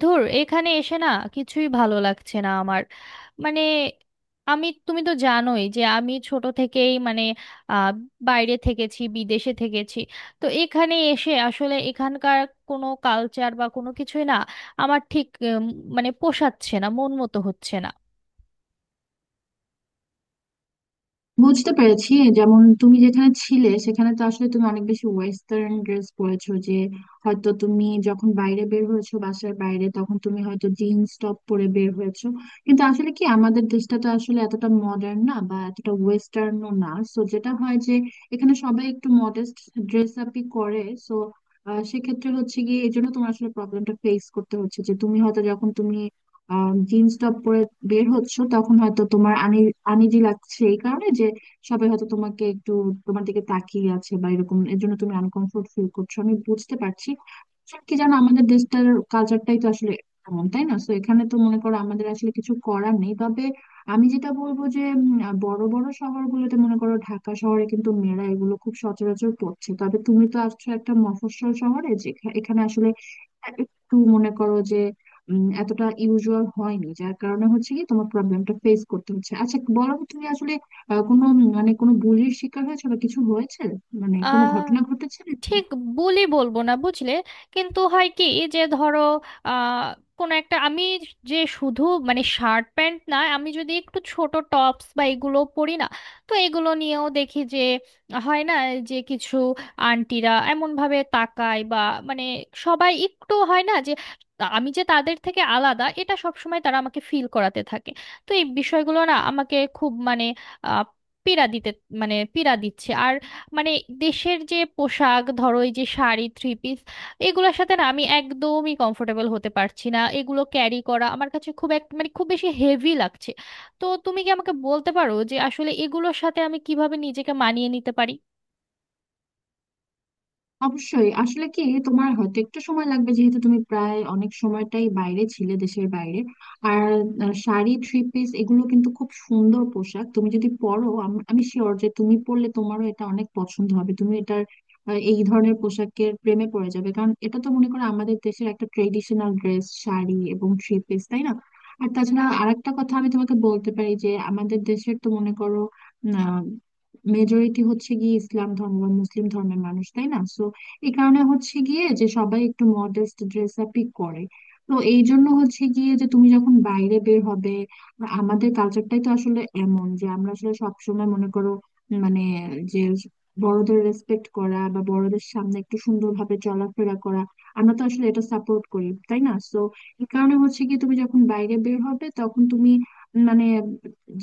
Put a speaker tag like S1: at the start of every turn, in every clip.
S1: ধুর এখানে এসে না, কিছুই ভালো লাগছে না আমার। মানে আমি তুমি তো জানোই যে আমি ছোট থেকেই আহ, বাইরে থেকেছি, বিদেশে থেকেছি। তো এখানে এসে আসলে এখানকার কোনো কালচার বা কোনো কিছুই না, আমার ঠিক মানে পোষাচ্ছে না, মন মতো হচ্ছে না।
S2: বুঝতে পেরেছি। যেমন তুমি যেখানে ছিলে সেখানে তো আসলে তুমি অনেক বেশি ওয়েস্টার্ন ড্রেস পরেছো, যে হয়তো তুমি যখন বাইরে বের হয়েছো বাসার বাইরে তখন তুমি হয়তো জিন্স টপ পরে বের হয়েছো। কিন্তু আসলে কি, আমাদের দেশটা তো আসলে এতটা মডার্ন না বা এতটা ওয়েস্টার্নও না, সো যেটা হয় যে এখানে সবাই একটু মডেস্ট ড্রেস আপই করে। সো সেক্ষেত্রে হচ্ছে গিয়ে এই জন্য তোমার আসলে প্রবলেমটা ফেস করতে হচ্ছে, যে তুমি হয়তো যখন তুমি জিন্স টপ পরে বের হচ্ছো তখন হয়তো তোমার আনিজি লাগছে এই কারণে যে সবাই হয়তো তোমাকে একটু তোমার দিকে তাকিয়ে আছে বা এরকম, এর জন্য তুমি আনকমফোর্ট ফিল করছো। আমি বুঝতে পারছি। আসলে কি জানো, আমাদের দেশটার কালচারটাই তো আসলে এমন, তাই না? তো এখানে তো মনে করো আমাদের আসলে কিছু করার নেই। তবে আমি যেটা বলবো যে বড় বড় শহরগুলোতে, মনে করো ঢাকা শহরে, কিন্তু মেয়েরা এগুলো খুব সচরাচর করছে। তবে তুমি তো আসছো একটা মফস্বল শহরে, যেখানে এখানে আসলে একটু মনে করো যে এতটা ইউজুয়াল হয়নি, যার কারণে হচ্ছে কি তোমার প্রবলেমটা ফেস করতে হচ্ছে। আচ্ছা বলো তো, তুমি আসলে কোনো, মানে কোনো বুলির শিকার হয়েছে বা কিছু হয়েছে, মানে কোনো
S1: আহ
S2: ঘটনা ঘটেছে নাকি?
S1: ঠিক বলি, বলবো না, বুঝলে? কিন্তু হয় কি, যে ধরো আহ কোনো একটা আমি যে শুধু শার্ট প্যান্ট না, আমি যদি একটু ছোট টপস বা এগুলো পরি না, তো এগুলো নিয়েও দেখি যে হয় না, যে কিছু আন্টিরা এমন ভাবে তাকায় বা মানে সবাই একটু হয় না যে আমি যে তাদের থেকে আলাদা, এটা সবসময় তারা আমাকে ফিল করাতে থাকে। তো এই বিষয়গুলো না আমাকে খুব আহ, পীড়া দিতে পীড়া দিচ্ছে। আর মানে দেশের যে পোশাক ধরো, এই যে শাড়ি, থ্রি পিস, এগুলোর সাথে না আমি একদমই কমফোর্টেবল হতে পারছি না। এগুলো ক্যারি করা আমার কাছে খুব এক মানে খুব বেশি হেভি লাগছে। তো তুমি কি আমাকে বলতে পারো যে আসলে এগুলোর সাথে আমি কিভাবে নিজেকে মানিয়ে নিতে পারি?
S2: অবশ্যই। আসলে কি, তোমার হয়তো একটু সময় লাগবে যেহেতু তুমি প্রায় অনেক সময়টাই বাইরে ছিলে, দেশের বাইরে। আর শাড়ি থ্রি পিস এগুলো কিন্তু খুব সুন্দর পোশাক। তুমি যদি পরো, আমি শিওর যে তুমি পরলে তোমারও এটা অনেক পছন্দ হবে। তুমি এটার এই ধরনের পোশাকের প্রেমে পড়ে যাবে, কারণ এটা তো মনে করো আমাদের দেশের একটা ট্রেডিশনাল ড্রেস, শাড়ি এবং থ্রি পিস, তাই না? আর তাছাড়া আরেকটা কথা আমি তোমাকে বলতে পারি যে আমাদের দেশের তো মনে করো আহ, মেজরিটি হচ্ছে গিয়ে ইসলাম ধর্ম বা মুসলিম ধর্মের মানুষ, তাই না? তো এই কারণে হচ্ছে গিয়ে যে সবাই একটু মডেস্ট ড্রেস আপই করে। তো এই জন্য হচ্ছে গিয়ে যে তুমি যখন বাইরে বের হবে, আমাদের কালচারটাই তো আসলে এমন যে আমরা আসলে সবসময় মনে করো, মানে, যে বড়দের রেসপেক্ট করা বা বড়দের সামনে একটু সুন্দরভাবে চলাফেরা করা, আমরা তো আসলে এটা সাপোর্ট করি, তাই না? সো এই কারণে হচ্ছে কি তুমি যখন বাইরে বের হবে তখন তুমি, মানে,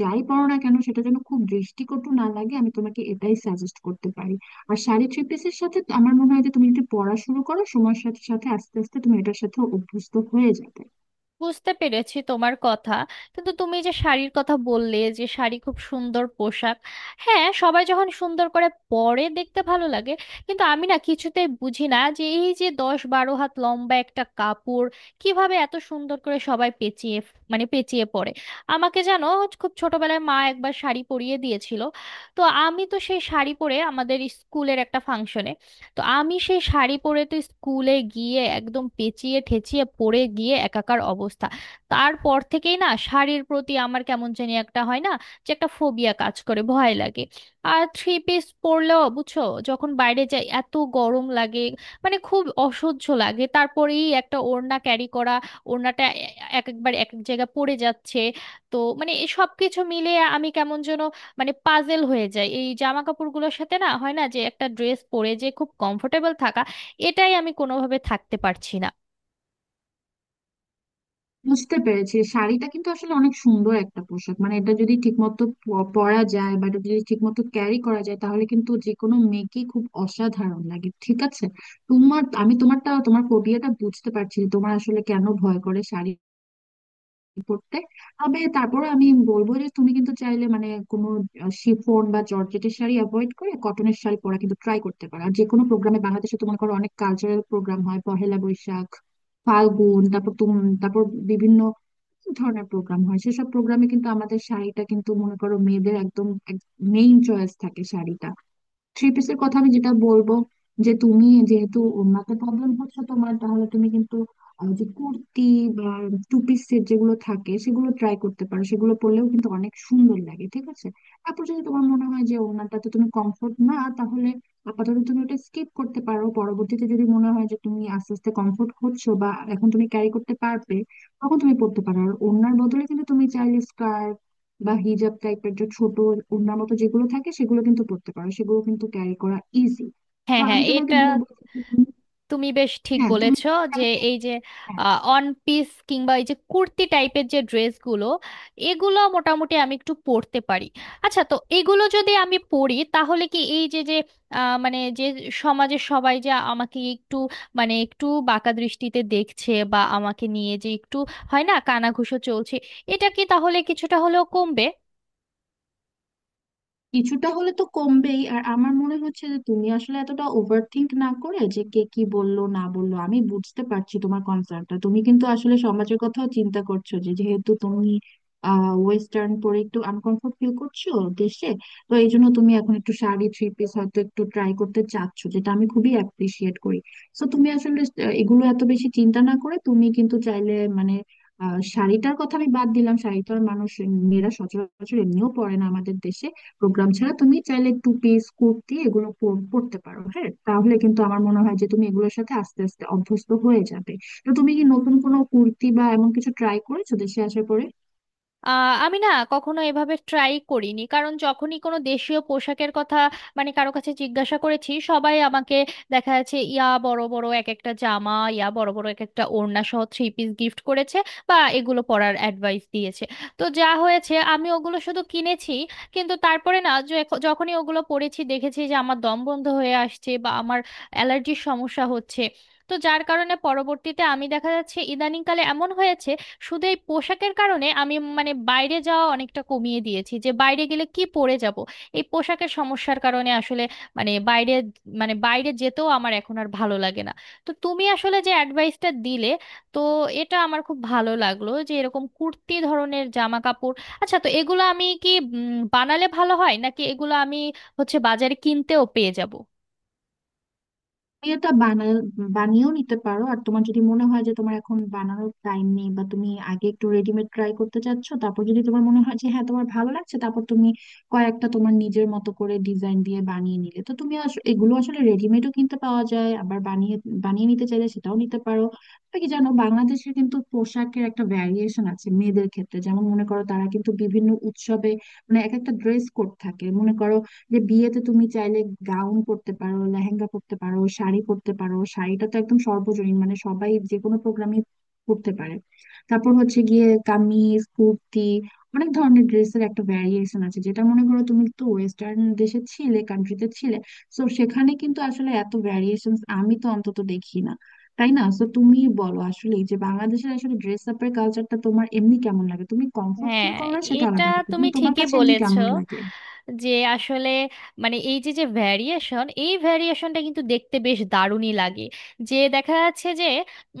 S2: যাই পরো না কেন সেটা যেন খুব দৃষ্টিকটু না লাগে। আমি তোমাকে এটাই সাজেস্ট করতে পারি। আর শাড়ি থ্রি পিসের সাথে তো আমার মনে হয় যে তুমি যদি পড়া শুরু করো সময়ের সাথে সাথে আস্তে আস্তে তুমি এটার সাথে অভ্যস্ত হয়ে যাবে।
S1: বুঝতে পেরেছি তোমার কথা। কিন্তু তুমি যে শাড়ির কথা বললে যে শাড়ি খুব সুন্দর পোশাক, হ্যাঁ সবাই যখন সুন্দর করে পরে দেখতে ভালো লাগে। কিন্তু আমি না কিছুতে বুঝি না যে এই যে 10-12 হাত লম্বা একটা কাপড় কিভাবে এত সুন্দর করে সবাই পেঁচিয়ে পেঁচিয়ে পরে। আমাকে জানো, খুব ছোটবেলায় মা একবার শাড়ি পরিয়ে দিয়েছিল। তো আমি তো সেই শাড়ি পরে আমাদের স্কুলের একটা ফাংশনে, তো আমি সেই শাড়ি পরে তো স্কুলে গিয়ে একদম পেঁচিয়ে ঠেচিয়ে পরে গিয়ে একাকার অবস্থা। তারপর থেকেই না শাড়ির প্রতি আমার কেমন জানি একটা হয় না, যে একটা ফোবিয়া কাজ করে, ভয় লাগে। আর থ্রি পিস পরলেও বুঝছো, যখন বাইরে যাই এত গরম লাগে, খুব অসহ্য লাগে। তারপরেই একটা ওড়না ক্যারি করা, ওড়নাটা এক একবার এক এক জায়গায় পড়ে যাচ্ছে। তো সবকিছু মিলে আমি কেমন যেন পাজেল হয়ে যায়। এই জামা কাপড়গুলোর সাথে না, হয় না যে একটা ড্রেস পরে যে খুব কমফোর্টেবল থাকা, এটাই আমি কোনোভাবে থাকতে পারছি না।
S2: বুঝতে পেরেছি। শাড়িটা কিন্তু আসলে অনেক সুন্দর একটা পোশাক, মানে এটা যদি ঠিকমতো পরা যায় বা এটা যদি ঠিকমতো ক্যারি করা যায়, তাহলে কিন্তু যে কোনো মেয়েকেই খুব অসাধারণ লাগে, ঠিক আছে? তোমার আমি তোমারটা তোমার ফোবিয়াটা বুঝতে পারছি, যে তোমার আসলে কেন ভয় করে শাড়ি পড়তে। তবে তারপর আমি বলবো যে তুমি কিন্তু চাইলে, মানে, কোনো শিফন বা জর্জেটের শাড়ি অ্যাভয়েড করে কটনের শাড়ি পরা কিন্তু ট্রাই করতে পারো। আর যে কোনো প্রোগ্রামে, বাংলাদেশে তো মনে করো অনেক কালচারাল প্রোগ্রাম হয়, পহেলা বৈশাখ, ফাল্গুন, তারপর বিভিন্ন ধরনের প্রোগ্রাম হয়, সেসব প্রোগ্রামে কিন্তু আমাদের শাড়িটা কিন্তু, মনে করো, মেয়েদের একদম মেইন চয়েস থাকে শাড়িটা। থ্রি পিসের কথা আমি যেটা বলবো, যে তুমি যেহেতু ওড়নাতে প্রবলেম হচ্ছে তোমার, তাহলে তুমি কিন্তু যে কুর্তি বা টু পিস সেট যেগুলো থাকে সেগুলো ট্রাই করতে পারো। সেগুলো পরলেও কিন্তু অনেক সুন্দর লাগে, ঠিক আছে? তারপর যদি তোমার মনে হয় যে ওড়নাটাতে তুমি কমফোর্ট না, তাহলে আপাতত তুমি ওটা স্কিপ করতে পারো। পরবর্তীতে যদি মনে হয় যে তুমি আস্তে আস্তে কমফোর্ট হচ্ছো বা এখন তুমি ক্যারি করতে পারবে, তখন তুমি পড়তে পারো। আর ওড়নার বদলে কিন্তু তুমি চাইলে স্কার্ট বা হিজাব টাইপের যে ছোট ওড়না মতো যেগুলো থাকে সেগুলো কিন্তু পরতে পারো, সেগুলো কিন্তু ক্যারি করা ইজি। তো
S1: হ্যাঁ, হ্যাঁ,
S2: আমি তোমাকে
S1: এটা
S2: বলবো যে
S1: তুমি বেশ ঠিক
S2: হ্যাঁ, তুমি
S1: বলেছ।
S2: কিন্তু
S1: যে
S2: চাইলে
S1: এই যে অন পিস কিংবা এই যে কুর্তি টাইপের যে ড্রেসগুলো, এগুলো মোটামুটি আমি একটু পরতে পারি। আচ্ছা, তো এগুলো যদি আমি পরি তাহলে কি এই যে যে আহ, মানে যে সমাজে সবাই যে আমাকে একটু একটু বাঁকা দৃষ্টিতে দেখছে বা আমাকে নিয়ে যে একটু হয় না কানাঘুষো চলছে, এটা কি তাহলে কিছুটা হলেও কমবে?
S2: কিছুটা হলে তো কমবেই। আর আমার মনে হচ্ছে যে তুমি আসলে এতটা ওভার থিঙ্ক না করে, যে কে কি বললো না বললো, আমি বুঝতে পারছি তোমার কনসার্নটা। তুমি কিন্তু আসলে সমাজের কথাও চিন্তা করছো, যে যেহেতু তুমি ওয়েস্টার্ন পরে একটু আনকমফোর্ট ফিল করছো দেশে। তো এই জন্য তুমি এখন একটু শাড়ি থ্রি পিস হয়তো একটু ট্রাই করতে চাচ্ছো, যেটা আমি খুবই অ্যাপ্রিসিয়েট করি। তো তুমি আসলে এগুলো এত বেশি চিন্তা না করে তুমি কিন্তু চাইলে, মানে, শাড়িটার কথা আমি বাদ দিলাম। শাড়িটার মানুষ মেয়েরা সচরাচর এমনিও পরে না আমাদের দেশে, প্রোগ্রাম ছাড়া। তুমি চাইলে টু পিস কুর্তি এগুলো পরতে পারো। হ্যাঁ, তাহলে কিন্তু আমার মনে হয় যে তুমি এগুলোর সাথে আস্তে আস্তে অভ্যস্ত হয়ে যাবে। তো তুমি কি নতুন কোনো কুর্তি বা এমন কিছু ট্রাই করেছো দেশে আসার পরে?
S1: আমি না কখনো এভাবে ট্রাই করিনি, কারণ যখনই কোনো দেশীয় পোশাকের কথা কারো কাছে জিজ্ঞাসা করেছি, সবাই আমাকে দেখা যাচ্ছে ইয়া বড় বড় এক একটা জামা, ইয়া বড় বড় এক একটা ওড়না সহ থ্রি পিস গিফট করেছে বা এগুলো পরার অ্যাডভাইস দিয়েছে। তো যা হয়েছে, আমি ওগুলো শুধু কিনেছি। কিন্তু তারপরে না, যে যখনই ওগুলো পরেছি দেখেছি যে আমার দম বন্ধ হয়ে আসছে বা আমার অ্যালার্জির সমস্যা হচ্ছে। তো যার কারণে পরবর্তীতে আমি দেখা যাচ্ছে ইদানিংকালে এমন হয়েছে, শুধু এই পোশাকের কারণে আমি বাইরে যাওয়া অনেকটা কমিয়ে দিয়েছি। যে বাইরে গেলে কি পরে যাব, এই পোশাকের সমস্যার কারণে আসলে মানে বাইরে মানে বাইরে যেতেও আমার এখন আর ভালো লাগে না। তো তুমি আসলে যে অ্যাডভাইসটা দিলে, তো এটা আমার খুব ভালো লাগলো যে এরকম কুর্তি ধরনের জামা কাপড়। আচ্ছা, তো এগুলো আমি কি বানালে ভালো হয় নাকি এগুলো আমি হচ্ছে বাজারে কিনতেও পেয়ে যাব?
S2: তুমি এটা বানা বানিয়েও নিতে পারো, আর তোমার যদি মনে হয় যে তোমার এখন বানানোর টাইম নেই বা তুমি আগে একটু রেডিমেড ট্রাই করতে চাচ্ছ, তারপর যদি তোমার মনে হয় যে হ্যাঁ তোমার ভালো লাগছে, তারপর তুমি কয়েকটা তোমার নিজের মতো করে ডিজাইন দিয়ে বানিয়ে নিলে। তো তুমি এগুলো আসলে রেডিমেডও কিনতে পাওয়া যায়, আবার বানিয়ে বানিয়ে নিতে চাইলে সেটাও নিতে পারো। তবে কি জানো, বাংলাদেশে কিন্তু পোশাকের একটা ভ্যারিয়েশন আছে মেয়েদের ক্ষেত্রে। যেমন মনে করো, তারা কিন্তু বিভিন্ন উৎসবে, মানে, এক একটা ড্রেস কোড থাকে, মনে করো, যে বিয়েতে তুমি চাইলে গাউন পরতে পারো, লেহেঙ্গা পরতে পারো, শাড়ি পরতে পারো। শাড়িটা তো একদম সর্বজনীন, মানে সবাই যে কোনো প্রোগ্রামে পরতে পারে। তারপর হচ্ছে গিয়ে কামিজ কুর্তি, অনেক ধরনের ড্রেসের একটা ভ্যারিয়েশন আছে। যেটা মনে করো, তুমি তো ওয়েস্টার্ন দেশে ছিলে, কান্ট্রিতে ছিলে, তো সেখানে কিন্তু আসলে এত ভ্যারিয়েশন আমি তো অন্তত দেখি না, তাই না? তো তুমি বলো আসলে, যে বাংলাদেশের আসলে ড্রেস আপের কালচারটা তোমার এমনি কেমন লাগে? তুমি কমফোর্ট ফিল
S1: হ্যাঁ
S2: করো না সেটা
S1: এটা
S2: আলাদা কথা,
S1: তুমি
S2: কিন্তু তোমার
S1: ঠিকই
S2: কাছে এমনি
S1: বলেছো।
S2: কেমন লাগে?
S1: যে আসলে এই যে যে ভ্যারিয়েশন, এই ভ্যারিয়েশনটা কিন্তু দেখতে বেশ দারুণই লাগে। যে দেখা যাচ্ছে যে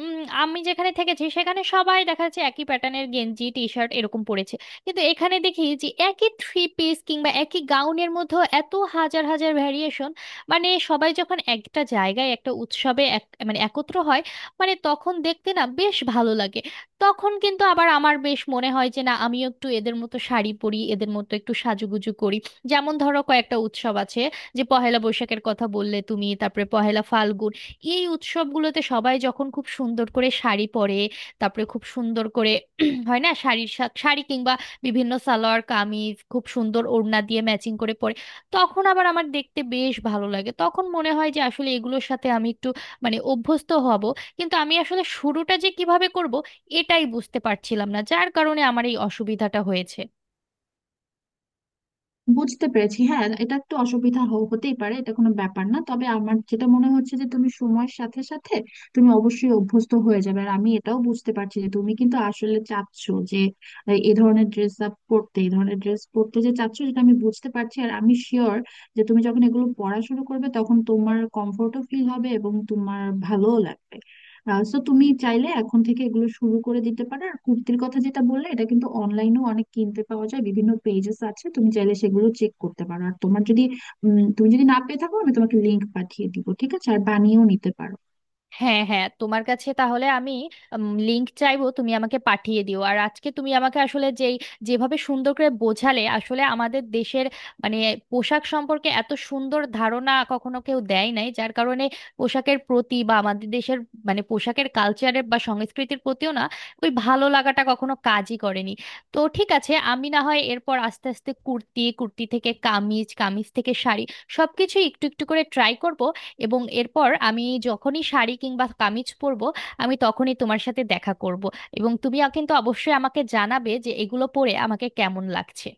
S1: উম, আমি যেখানে থেকেছি সেখানে সবাই দেখা যাচ্ছে একই প্যাটার্নের গেঞ্জি টি শার্ট এরকম পরেছে। কিন্তু এখানে দেখি যে একই থ্রি পিস কিংবা একই গাউনের মধ্যে এত হাজার হাজার ভ্যারিয়েশন। সবাই যখন একটা জায়গায় একটা উৎসবে এক একত্র হয়, তখন দেখতে না বেশ ভালো লাগে। তখন কিন্তু আবার আমার বেশ মনে হয় যে না, আমিও একটু এদের মতো শাড়ি পরি, এদের মতো একটু সাজুগুজু করি। যেমন ধরো কয়েকটা উৎসব আছে, যে পহেলা বৈশাখের কথা বললে তুমি, তারপরে পহেলা ফাল্গুন, এই উৎসবগুলোতে সবাই যখন খুব সুন্দর করে শাড়ি পরে, তারপরে খুব সুন্দর করে হয় না, শাড়ি কিংবা বিভিন্ন সালোয়ার কামিজ খুব সুন্দর ওড়না দিয়ে ম্যাচিং করে পরে, তখন আবার আমার দেখতে বেশ ভালো লাগে। তখন মনে হয় যে আসলে এগুলোর সাথে আমি একটু অভ্যস্ত হব। কিন্তু আমি আসলে শুরুটা যে কিভাবে করব, এটাই বুঝতে পারছিলাম না, যার কারণে আমার এই অসুবিধাটা হয়েছে।
S2: বুঝতে পেরেছি। হ্যাঁ, এটা একটু অসুবিধা হতেই পারে, এটা কোনো ব্যাপার না। তবে আমার যেটা মনে হচ্ছে যে তুমি সময়ের সাথে সাথে তুমি অবশ্যই অভ্যস্ত হয়ে যাবে। আর আমি এটাও বুঝতে পারছি যে তুমি কিন্তু আসলে চাচ্ছো যে এ ধরনের ড্রেস আপ পরতে, এই ধরনের ড্রেস পরতে যে চাচ্ছো সেটা আমি বুঝতে পারছি। আর আমি শিওর যে তুমি যখন এগুলো পড়া শুরু করবে তখন তোমার কমফোর্টও ফিল হবে এবং তোমার ভালোও লাগবে। সো তুমি চাইলে এখন থেকে এগুলো শুরু করে দিতে পারো। আর কুর্তির কথা যেটা বললে, এটা কিন্তু অনলাইনেও অনেক কিনতে পাওয়া যায়, বিভিন্ন পেজেস আছে। তুমি চাইলে সেগুলো চেক করতে পারো। আর তোমার যদি তুমি যদি না পেয়ে থাকো, আমি তোমাকে লিংক পাঠিয়ে দিব, ঠিক আছে? আর বানিয়েও নিতে পারো।
S1: হ্যাঁ, হ্যাঁ, তোমার কাছে তাহলে আমি লিংক চাইবো, তুমি আমাকে পাঠিয়ে দিও। আর আজকে তুমি আমাকে আসলে যেভাবে সুন্দর করে বোঝালে, আসলে আমাদের দেশের মানে পোশাক সম্পর্কে এত সুন্দর ধারণা কখনো কেউ দেয় নাই, যার কারণে পোশাকের প্রতি বা আমাদের দেশের পোশাকের কালচারের বা সংস্কৃতির প্রতিও না ওই ভালো লাগাটা কখনো কাজই করেনি। তো ঠিক আছে, আমি না হয় এরপর আস্তে আস্তে কুর্তি, কুর্তি থেকে কামিজ, কামিজ থেকে শাড়ি, সবকিছুই একটু একটু করে ট্রাই করব। এবং এরপর আমি যখনই শাড়ি কিংবা কামিজ পরবো, আমি তখনই তোমার সাথে দেখা করব। এবং তুমি কিন্তু অবশ্যই আমাকে জানাবে যে এগুলো পরে আমাকে কেমন লাগছে।